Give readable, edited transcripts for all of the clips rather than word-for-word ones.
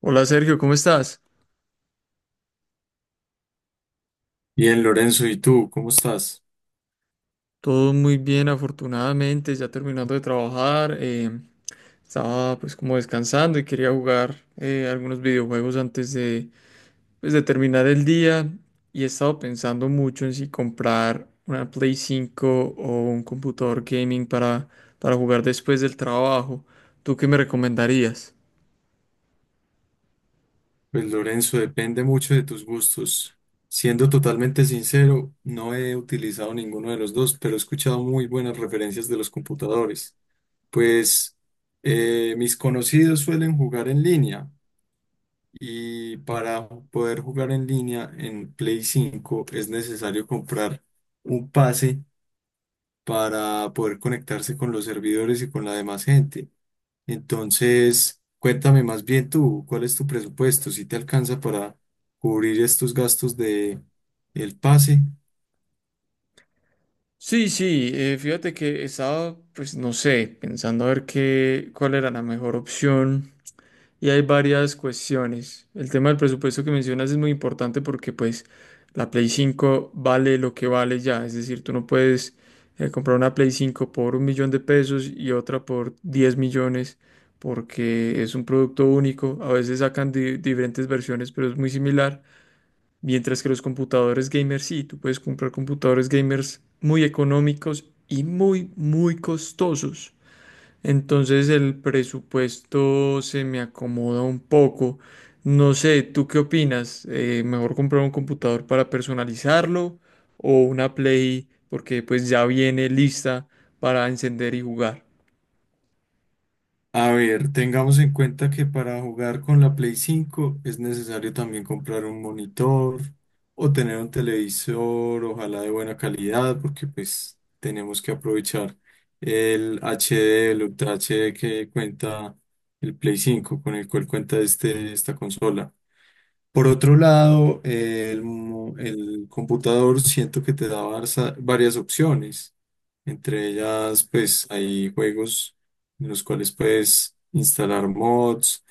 Hola Sergio, ¿cómo estás? Bien, Lorenzo, ¿y tú cómo estás? Todo muy bien, afortunadamente, ya terminando de trabajar. Estaba, pues, como descansando y quería jugar algunos videojuegos antes de, pues, de terminar el día, y he estado pensando mucho en si comprar una Play cinco o un computador gaming para jugar después del trabajo. ¿Tú qué me recomendarías? Pues Lorenzo, depende mucho de tus gustos. Siendo totalmente sincero, no he utilizado ninguno de los dos, pero he escuchado muy buenas referencias de los computadores. Pues mis conocidos suelen jugar en línea, y para poder jugar en línea en Play 5 es necesario comprar un pase para poder conectarse con los servidores y con la demás gente. Entonces, cuéntame más bien tú, ¿cuál es tu presupuesto? ¿Si te alcanza para cubrir estos gastos de el pase? Sí, sí, fíjate que estaba, pues no sé, pensando a ver qué, cuál era la mejor opción. Y hay varias cuestiones. El tema del presupuesto que mencionas es muy importante, porque pues la Play 5 vale lo que vale ya. Es decir, tú no puedes comprar una Play 5 por un millón de pesos y otra por 10 millones, porque es un producto único. A veces sacan diferentes versiones, pero es muy similar. Mientras que los computadores gamers sí, tú puedes comprar computadores gamers muy económicos y muy, muy costosos. Entonces el presupuesto se me acomoda un poco. No sé, ¿tú qué opinas? ¿mejor comprar un computador para personalizarlo, o una Play porque pues ya viene lista para encender y jugar? A ver, tengamos en cuenta que para jugar con la Play 5 es necesario también comprar un monitor o tener un televisor, ojalá de buena calidad, porque pues tenemos que aprovechar el HD, el Ultra HD que cuenta el Play 5, con el cual cuenta este, esta consola. Por otro lado, el computador siento que te da varias opciones. Entre ellas, pues hay juegos en los cuales puedes instalar mods,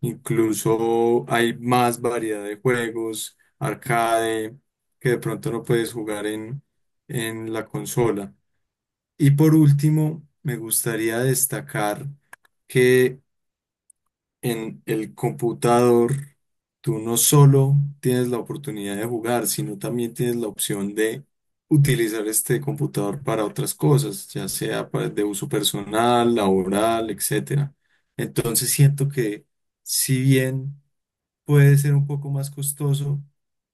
incluso hay más variedad de juegos arcade, que de pronto no puedes jugar en la consola. Y por último, me gustaría destacar que en el computador, tú no solo tienes la oportunidad de jugar, sino también tienes la opción de utilizar este computador para otras cosas, ya sea para- de uso personal, laboral, etcétera. Entonces siento que, si bien puede ser un poco más costoso,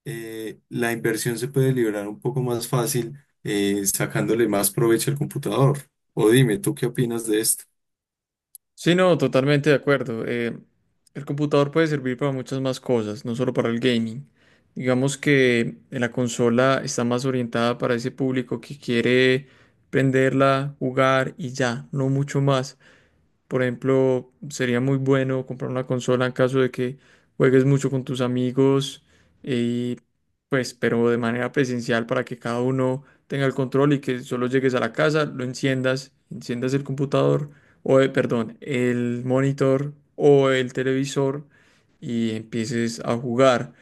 la inversión se puede liberar un poco más fácil, sacándole más provecho al computador. O dime, ¿tú qué opinas de esto? Sí, no, totalmente de acuerdo. El computador puede servir para muchas más cosas, no solo para el gaming. Digamos que la consola está más orientada para ese público que quiere prenderla, jugar y ya, no mucho más. Por ejemplo, sería muy bueno comprar una consola en caso de que juegues mucho con tus amigos, y pues, pero de manera presencial, para que cada uno tenga el control y que solo llegues a la casa, lo enciendas, enciendas el computador o, perdón, el monitor o el televisor, y empieces a jugar.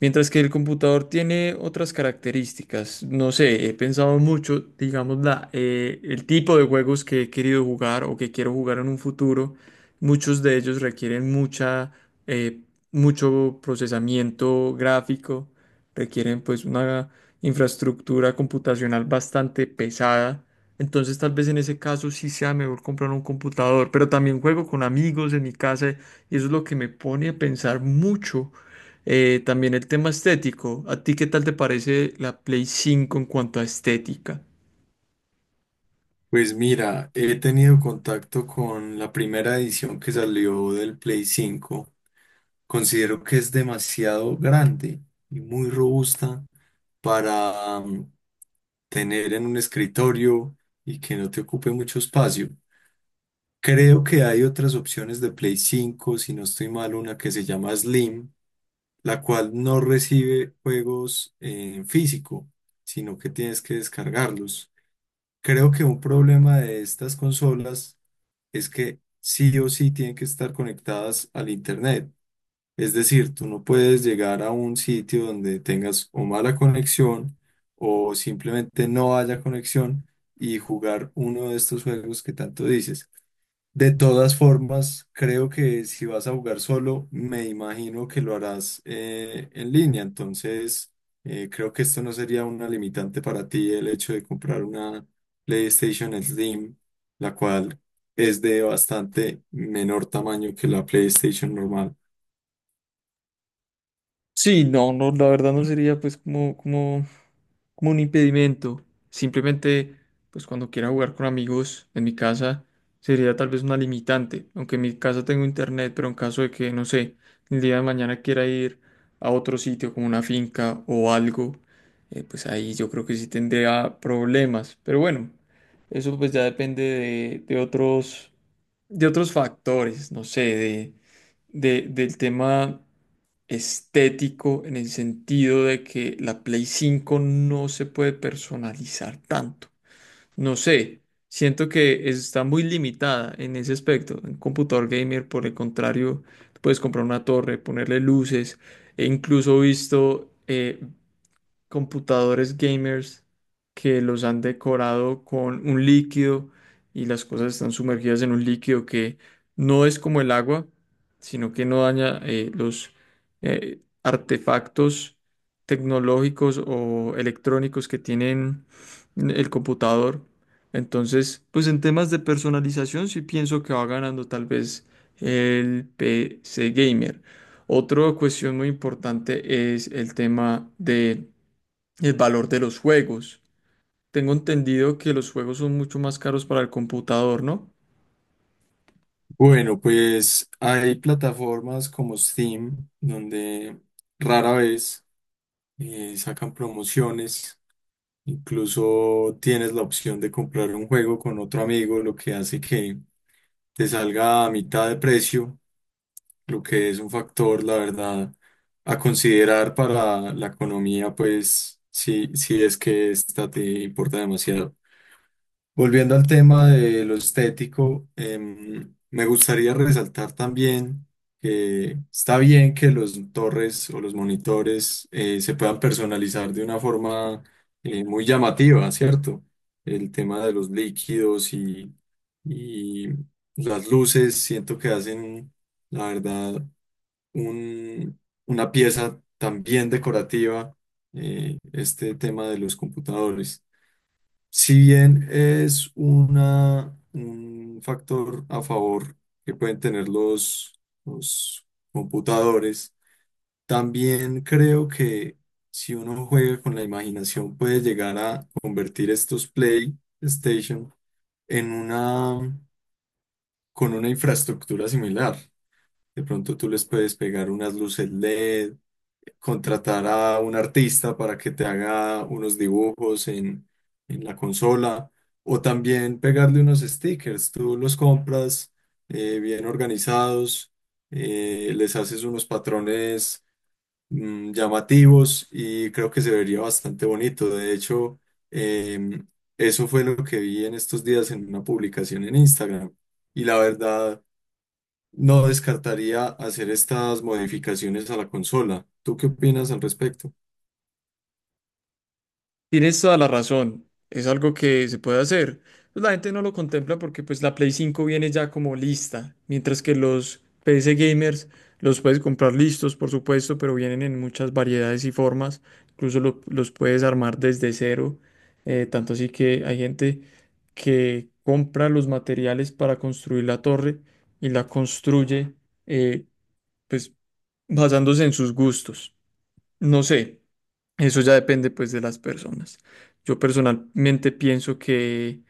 Mientras que el computador tiene otras características. No sé, he pensado mucho, digamos, el tipo de juegos que he querido jugar o que quiero jugar en un futuro. Muchos de ellos requieren eh, mucho procesamiento gráfico, requieren pues una infraestructura computacional bastante pesada. Entonces tal vez en ese caso sí sea mejor comprar un computador, pero también juego con amigos en mi casa, y eso es lo que me pone a pensar mucho, también el tema estético. ¿A ti qué tal te parece la Play cinco en cuanto a estética? Pues mira, he tenido contacto con la primera edición que salió del Play 5. Considero que es demasiado grande y muy robusta para tener en un escritorio y que no te ocupe mucho espacio. Creo que hay otras opciones de Play cinco, si no estoy mal, una que se llama Slim, la cual no recibe juegos en físico, sino que tienes que descargarlos. Creo que un problema de estas consolas es que sí o sí tienen que estar conectadas al Internet. Es decir, tú no puedes llegar a un sitio donde tengas o mala conexión o simplemente no haya conexión y jugar uno de estos juegos que tanto dices. De todas formas, creo que si vas a jugar solo, me imagino que lo harás en línea. Entonces, creo que esto no sería una limitante para ti, el hecho de comprar una PlayStation Slim, la cual es de bastante menor tamaño que la PlayStation normal. Sí, no, no, la verdad no sería pues como, como, como un impedimento. Simplemente, pues cuando quiera jugar con amigos en mi casa, sería tal vez una limitante. Aunque en mi casa tengo internet, pero en caso de que, no sé, el día de mañana quiera ir a otro sitio como una finca o algo, pues ahí yo creo que sí tendría problemas. Pero bueno, eso pues ya depende de otros, de otros factores, no sé, de, del tema estético, en el sentido de que la Play cinco no se puede personalizar tanto. No sé, siento que está muy limitada en ese aspecto. En computador gamer, por el contrario, puedes comprar una torre, ponerle luces. He incluso visto computadores gamers que los han decorado con un líquido, y las cosas están sumergidas en un líquido que no es como el agua, sino que no daña los artefactos tecnológicos o electrónicos que tienen el computador. Entonces, pues en temas de personalización sí pienso que va ganando tal vez el PC gamer. Otra cuestión muy importante es el tema de el valor de los juegos. Tengo entendido que los juegos son mucho más caros para el computador, ¿no? Bueno, pues hay plataformas como Steam, donde rara vez sacan promociones. Incluso tienes la opción de comprar un juego con otro amigo, lo que hace que te salga a mitad de precio, lo que es un factor, la verdad, a considerar para la economía, pues si, si es que esta te importa demasiado. Volviendo al tema de lo estético, me gustaría resaltar también que está bien que los torres o los monitores se puedan personalizar de una forma muy llamativa, ¿cierto? El tema de los líquidos y las luces, siento que hacen, la verdad, un- una pieza también decorativa, este tema de los computadores. Si bien es un factor a favor que pueden tener los computadores, también creo que si uno juega con la imaginación puede llegar a convertir estos PlayStation en con una infraestructura similar. De pronto tú les puedes pegar unas luces LED, contratar a un artista para que te haga unos dibujos en la consola, o también pegarle unos stickers. Tú los compras bien organizados, les haces unos patrones llamativos y creo que se vería bastante bonito. De hecho, em, eso fue lo que vi en estos días en una publicación en Instagram y la verdad, no descartaría hacer estas modificaciones a la consola. ¿Tú qué opinas al respecto? Tienes toda la razón. Es algo que se puede hacer. Pues la gente no lo contempla, porque pues la Play 5 viene ya como lista, mientras que los PC gamers los puedes comprar listos, por supuesto, pero vienen en muchas variedades y formas. Incluso los puedes armar desde cero. Tanto así que hay gente que compra los materiales para construir la torre y la construye, eh, pues basándose en sus gustos. No sé, eso ya depende pues de las personas. Yo personalmente pienso que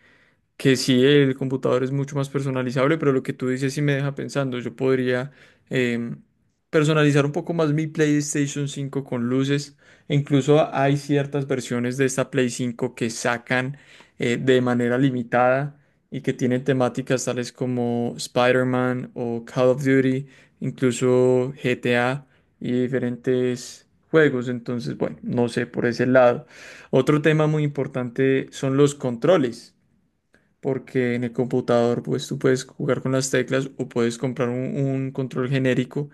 sí, el computador es mucho más personalizable, pero lo que tú dices sí me deja pensando. Yo podría, em, personalizar un poco más mi PlayStation cinco con luces. E incluso hay ciertas versiones de esta Play cinco que sacan de manera limitada, y que tienen temáticas tales como Spider-Man o Call of Duty, incluso GTA y diferentes juegos. Entonces, bueno, no sé por ese lado. Otro tema muy importante son los controles, porque en el computador pues tú puedes jugar con las teclas o puedes comprar un control genérico,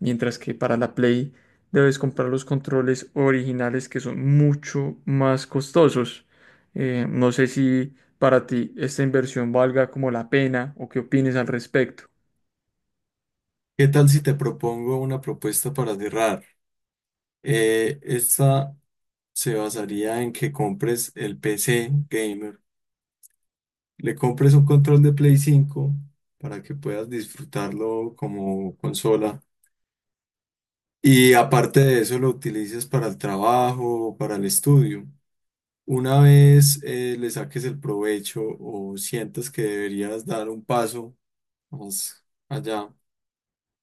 mientras que para la Play debes comprar los controles originales, que son mucho más costosos. No sé si para ti esta inversión valga como la pena o qué opines al respecto. ¿Qué tal si te propongo una propuesta para cerrar? Esta se basaría en que compres el PC gamer, le compres un control de Play 5 para que puedas disfrutarlo como consola, y aparte de eso lo utilices para el trabajo o para el estudio. Una vez le saques el provecho o sientas que deberías dar un paso más allá,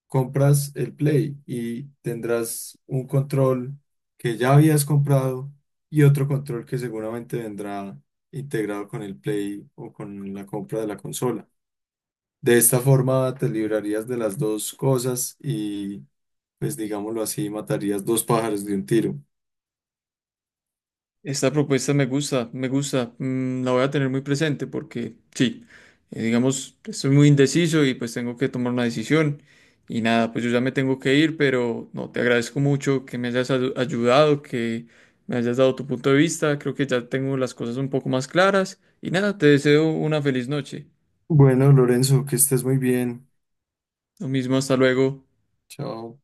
compras el Play y tendrás un control que ya habías comprado y otro control que seguramente vendrá integrado con el Play o con la compra de la consola. De esta forma te librarías de las dos cosas y, pues digámoslo así, matarías dos pájaros de un tiro. Esta propuesta me gusta, mm, la voy a tener muy presente, porque sí, digamos, estoy muy indeciso y pues tengo que tomar una decisión, y nada, pues yo ya me tengo que ir, pero no, te agradezco mucho que me hayas ayudado, que me hayas dado tu punto de vista. Creo que ya tengo las cosas un poco más claras y nada, te deseo una feliz noche. Bueno, Lorenzo, que estés muy bien. Lo mismo, hasta luego. Chao.